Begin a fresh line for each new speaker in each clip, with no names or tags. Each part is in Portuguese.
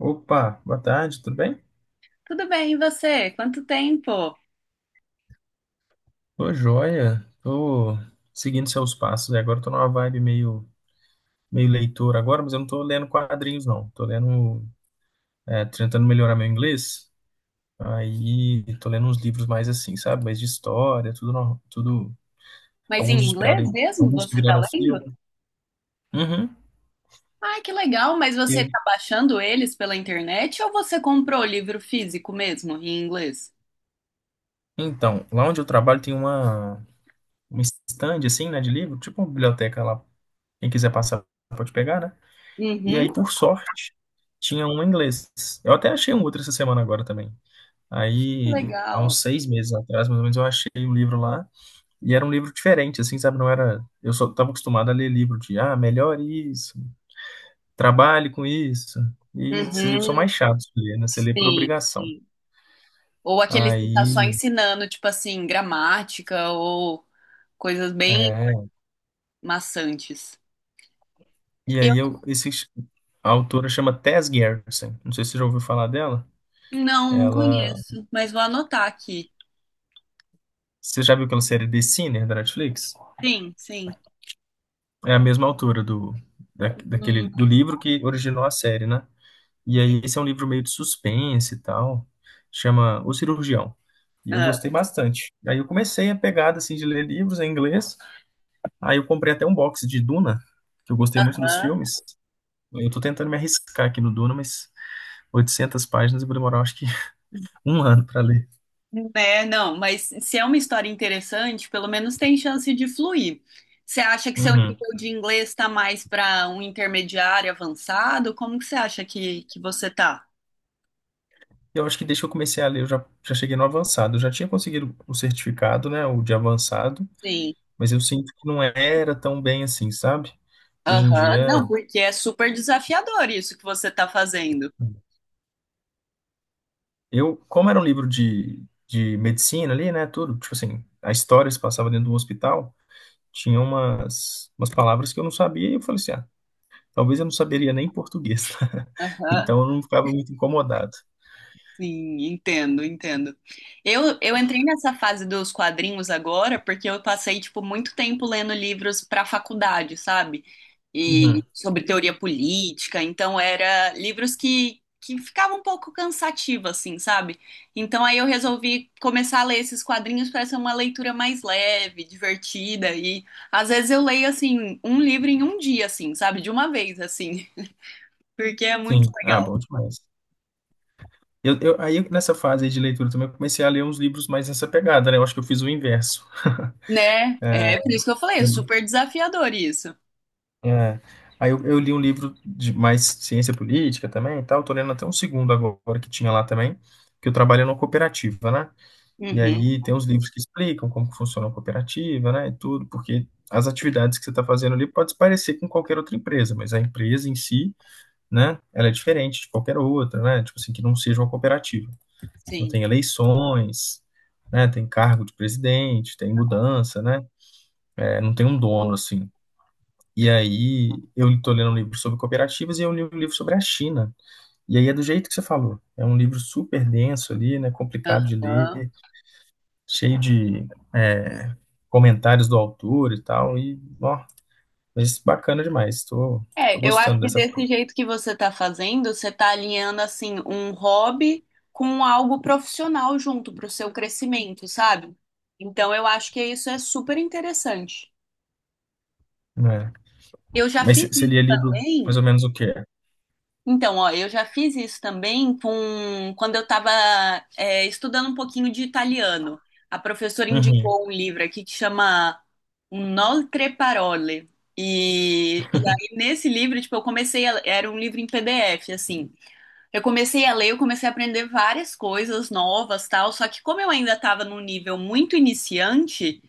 Opa, boa tarde, tudo bem?
Tudo bem, e você? Quanto tempo?
Tô joia, tô seguindo seus passos. E agora tô numa vibe meio leitor agora, mas eu não tô lendo quadrinhos, não. Tô lendo, tentando melhorar meu inglês. Aí tô lendo uns livros mais assim, sabe? Mais de história, tudo, tudo,
Mas em
alguns
inglês mesmo
alguns que
você tá
viraram filme.
lendo?
Uhum.
Ah, que legal, mas você
E-
tá baixando eles pela internet ou você comprou o livro físico mesmo, em inglês?
então, lá onde eu trabalho tem um stand assim, né, de livro, tipo uma biblioteca lá. Quem quiser passar pode pegar, né? E aí,
Uhum,
por sorte, tinha um inglês. Eu até achei um outro essa semana agora também. Aí, há
legal.
uns 6 meses atrás, mais ou menos, eu achei um livro lá. E era um livro diferente, assim, sabe? Não era. Eu só estava acostumado a ler livro de, ah, melhore isso, trabalhe com isso. E esses livros são
Uhum,
mais chatos de ler, né? Você lê por
sim,
obrigação.
sim. Ou aqueles que tá só
Aí.
ensinando, tipo assim, gramática ou coisas bem
É...
maçantes.
E
Eu
aí, eu... Esse... A autora chama Tess Gerritsen. Não sei se você já ouviu falar dela.
não, não
Ela.
conheço, mas vou anotar aqui.
Você já viu aquela série The Sinner da Netflix?
Sim.
É a mesma autora do
Hum,
livro que originou a série, né? E
entendi.
aí esse é um livro meio de suspense e tal, chama O Cirurgião. E eu gostei bastante. Aí eu comecei a pegada assim de ler livros em inglês. Aí eu comprei até um box de Duna, que eu gostei muito dos
Aham.
filmes. Eu tô tentando me arriscar aqui no Duna, mas 800 páginas eu vou demorar acho que um ano para ler.
É, não, mas se é uma história interessante, pelo menos tem chance de fluir. Você acha que seu
Uhum.
nível de inglês está mais para um intermediário avançado? Como que você acha que você tá?
Eu acho que desde que eu comecei a ler, já cheguei no avançado. Eu já tinha conseguido o certificado, né, o de avançado.
Sim.
Mas eu sinto que não era tão bem assim, sabe? Hoje em
Aham, não,
dia,
porque é super desafiador isso que você tá fazendo.
eu, como era um livro de medicina ali, né, tudo, tipo assim, a história se passava dentro de um hospital, tinha umas palavras que eu não sabia e eu falei assim, ah, talvez eu não saberia nem português.
Aham.
Então eu não ficava muito incomodado.
Sim, entendo. Eu entrei nessa fase dos quadrinhos agora porque eu passei, tipo, muito tempo lendo livros para faculdade, sabe? E
Uhum.
sobre teoria política, então era livros que ficavam um pouco cansativo, assim, sabe? Então aí eu resolvi começar a ler esses quadrinhos para ser uma leitura mais leve, divertida, e às vezes eu leio, assim, um livro em um dia, assim, sabe? De uma vez, assim, porque é
Sim,
muito
ah,
legal.
bom demais. Aí nessa fase aí de leitura também eu comecei a ler uns livros mais nessa pegada, né? Eu acho que eu fiz o inverso.
Né? É por isso que eu falei, é super desafiador isso.
É. Aí eu li um livro de mais ciência política também e tal. Tô lendo até um segundo agora que tinha lá também, que eu trabalho numa cooperativa, né? E
Uhum,
aí tem uns livros que explicam como que funciona a cooperativa, né? E tudo, porque as atividades que você está fazendo ali pode se parecer com qualquer outra empresa, mas a empresa em si, né? Ela é diferente de qualquer outra, né? Tipo assim, que não seja uma cooperativa. Então
sim.
tem eleições, né? Tem cargo de presidente, tem mudança, né? É, não tem um dono, assim. E aí eu estou lendo um livro sobre cooperativas e eu li um livro sobre a China. E aí é do jeito que você falou. É um livro super denso ali, né? Complicado de
Aham.
ler, cheio de é, comentários do autor e tal. E, ó, mas bacana demais. Estou. Tô, tô
É, eu acho
gostando
que
dessa
desse
forma.
jeito que você tá fazendo, você tá alinhando assim um hobby com algo profissional junto pro seu crescimento, sabe? Então eu acho que isso é super interessante.
É.
Eu já
Mas
fiz
você
isso
lia livro
também.
mais ou menos o quê?
Então, ó, eu já fiz isso também com quando eu estava estudando um pouquinho de italiano. A professora
Uhum.
indicou um livro aqui que chama Inoltre Parole. E aí, nesse livro, tipo, era um livro em PDF, assim. Eu comecei a ler, eu comecei a aprender várias coisas novas, tal. Só que como eu ainda estava num nível muito iniciante,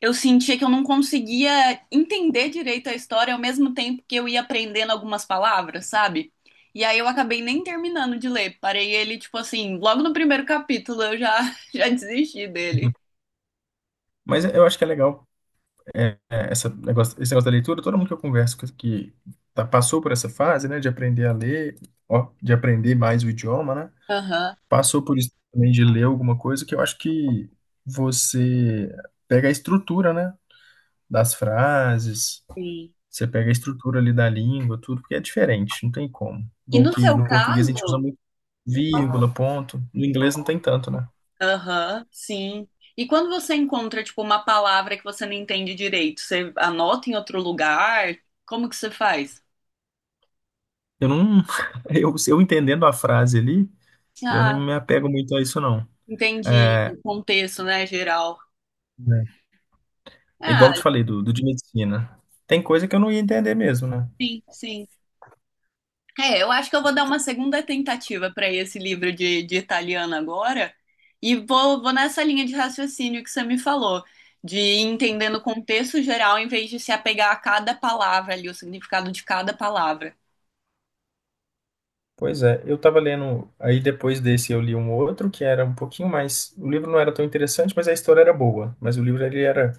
eu sentia que eu não conseguia entender direito a história ao mesmo tempo que eu ia aprendendo algumas palavras, sabe? E aí eu acabei nem terminando de ler. Parei ele, tipo assim, logo no primeiro capítulo eu já, já desisti dele.
Mas eu acho que é legal esse negócio da leitura. Todo mundo que eu converso que passou por essa fase, né, de aprender a ler, ó, de aprender mais o idioma, né?
Aham,
Passou por isso também de ler alguma coisa que eu acho que você pega a estrutura, né, das frases,
sim.
você pega a estrutura ali da língua, tudo, porque é diferente, não tem como.
E
Igual
no
que
seu
no português a gente usa
caso?
muito vírgula, ponto, no inglês não tem tanto, né?
Aham, sim. E quando você encontra, tipo, uma palavra que você não entende direito, você anota em outro lugar? Como que você faz?
Eu não, eu entendendo a frase ali, eu não
Ah,
me apego muito a isso, não. É,
entendi. Contexto, né, geral.
igual
Ah,
eu te falei do de medicina. Tem coisa que eu não ia entender mesmo, né?
sim. É, eu acho que eu vou dar uma segunda tentativa para esse livro de italiano agora e vou nessa linha de raciocínio que você me falou, de ir entendendo o contexto geral em vez de se apegar a cada palavra ali, o significado de cada palavra.
Pois é, eu tava lendo, aí depois desse eu li um outro que era um pouquinho mais, o livro não era tão interessante, mas a história era boa, mas o livro ele era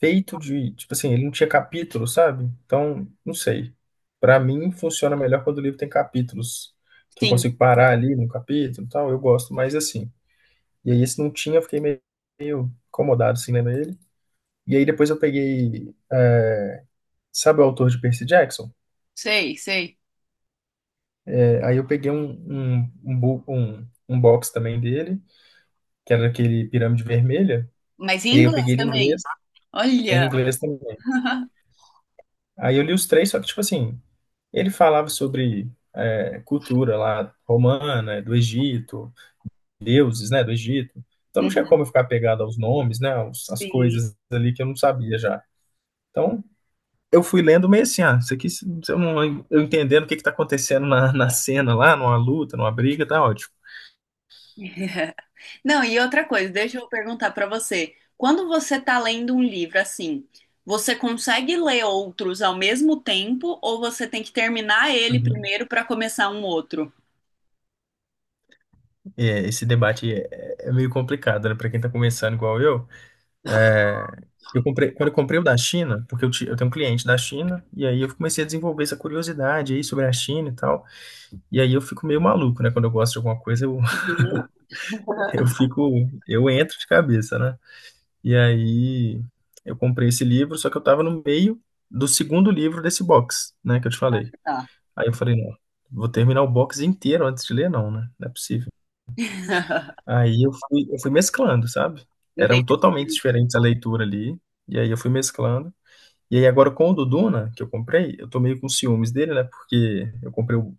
feito de, tipo assim, ele não tinha capítulos, sabe? Então, não sei. Pra mim funciona melhor quando o livro tem capítulos, que eu
Sim,
consigo parar ali no capítulo, e tal, eu gosto mais assim. E aí esse não tinha, eu fiquei meio incomodado assim lendo ele. E aí depois eu peguei, sabe o autor de Percy Jackson?
sei.
É, aí eu peguei um box também dele que era aquele Pirâmide Vermelha,
Mas em
e aí eu
inglês
peguei ele
também.
em
Olha.
inglês também. Aí eu li os três, só que, tipo assim, ele falava sobre cultura lá romana, né, do Egito, deuses, né, do Egito. Então não tinha como eu ficar pegado aos nomes, né, às
Sim.
coisas ali que eu não sabia já. Então eu fui lendo meio assim, ah, isso aqui, se eu não, eu entendendo o que que tá acontecendo na cena lá, numa luta, numa briga, tá ótimo.
Não, e outra coisa, deixa eu perguntar pra você. Quando você tá lendo um livro assim, você consegue ler outros ao mesmo tempo ou você tem que terminar ele
Uhum.
primeiro pra começar um outro?
É, esse debate é meio complicado, né, pra quem tá começando igual eu. É, eu comprei, quando eu comprei o da China, porque eu tenho um cliente da China, e aí eu comecei a desenvolver essa curiosidade aí sobre a China e tal. E aí eu fico meio maluco, né? Quando eu gosto de alguma coisa, eu,
Uhum.
eu fico, eu entro de cabeça, né? E aí eu comprei esse livro, só que eu tava no meio do segundo livro desse box, né? Que eu te
Ah,
falei.
tá.
Aí eu falei, não, vou terminar o box inteiro antes de ler, não, né? Não é possível. Aí eu fui mesclando, sabe? Eram
Entendi.
totalmente diferentes a leitura ali, e aí eu fui mesclando. E aí agora com o do Duna, que eu comprei, eu tô meio com ciúmes dele, né? Porque eu comprei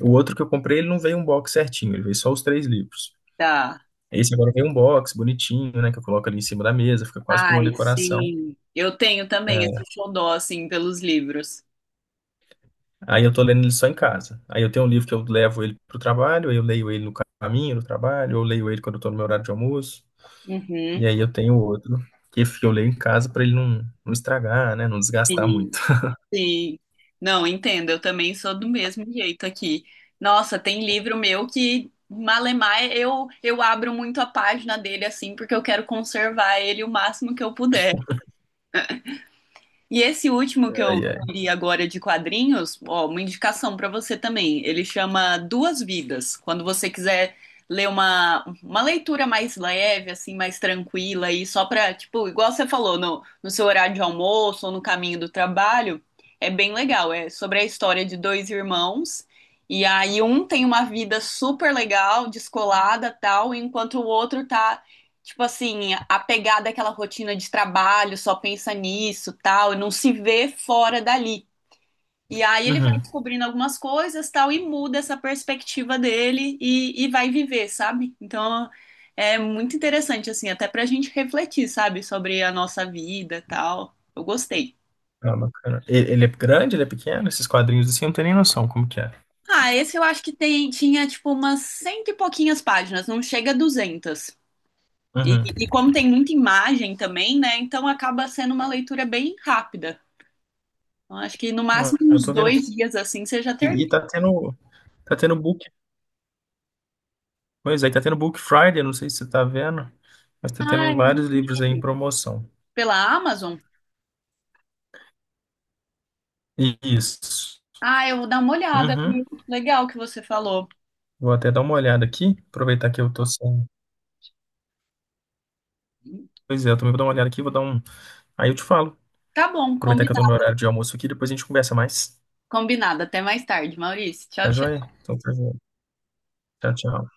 o outro que eu comprei, ele não veio um box certinho, ele veio só os três livros.
Tá.
Esse agora veio um box bonitinho, né? Que eu coloco ali em cima da mesa, fica quase como uma
Ai,
decoração.
sim. Eu tenho também
É,
esse xodó assim pelos livros.
aí eu tô lendo ele só em casa. Aí eu tenho um livro que eu levo ele pro trabalho, aí eu leio ele no caminho do trabalho, eu leio ele quando eu tô no meu horário de almoço. E
Uhum.
aí eu tenho outro que eu leio em casa pra ele não, não estragar, né? Não desgastar muito.
Sim. Não, entendo, eu também sou do mesmo jeito aqui. Nossa, tem livro meu que malemar eu abro muito a página dele assim porque eu quero conservar ele o máximo que eu puder. E esse último que eu
Ai, ai.
li agora de quadrinhos, ó, uma indicação para você também. Ele chama Duas Vidas. Quando você quiser ler uma leitura mais leve, assim, mais tranquila e só para tipo, igual você falou, no seu horário de almoço ou no caminho do trabalho, é bem legal. É sobre a história de dois irmãos. E aí um tem uma vida super legal, descolada, tal, enquanto o outro tá tipo assim, apegada àquela rotina de trabalho, só pensa nisso, tal, e não se vê fora dali. E aí ele vai
Uhum.
descobrindo algumas coisas, tal, e muda essa perspectiva dele e vai viver, sabe? Então é muito interessante, assim, até pra gente refletir, sabe, sobre a nossa vida, tal. Eu gostei.
Ah, bacana. E- Ele é grande, ele é pequeno? Esses quadrinhos assim, eu não tenho nem noção como que é.
Ah, esse eu acho que tem, tinha, tipo, umas cento e pouquinhas páginas, não chega a 200. E,
Uhum.
e como tem muita imagem também, né? Então acaba sendo uma leitura bem rápida. Então, acho que no máximo
Ah, eu
uns
tô vendo
dois
aqui.
dias assim você já termina.
E tá tendo book. Pois é, tá tendo Book Friday, não sei se você tá vendo, mas tá
Ah,
tendo
eu não
vários livros aí em
vi.
promoção.
Pela Amazon?
Isso.
Ah, eu vou dar uma olhada, viu?
Uhum.
Legal que você falou.
Vou até dar uma olhada aqui, aproveitar que eu tô sem. Pois é, eu também vou dar uma olhada aqui, vou dar um. Aí eu te falo.
Tá bom,
Aproveitar que eu tô no meu
combinado.
horário de almoço aqui, depois a gente conversa mais.
Combinado. Até mais tarde, Maurício. Tchau,
Tá joia?
tchau.
Então, tá joia. Tchau, tchau.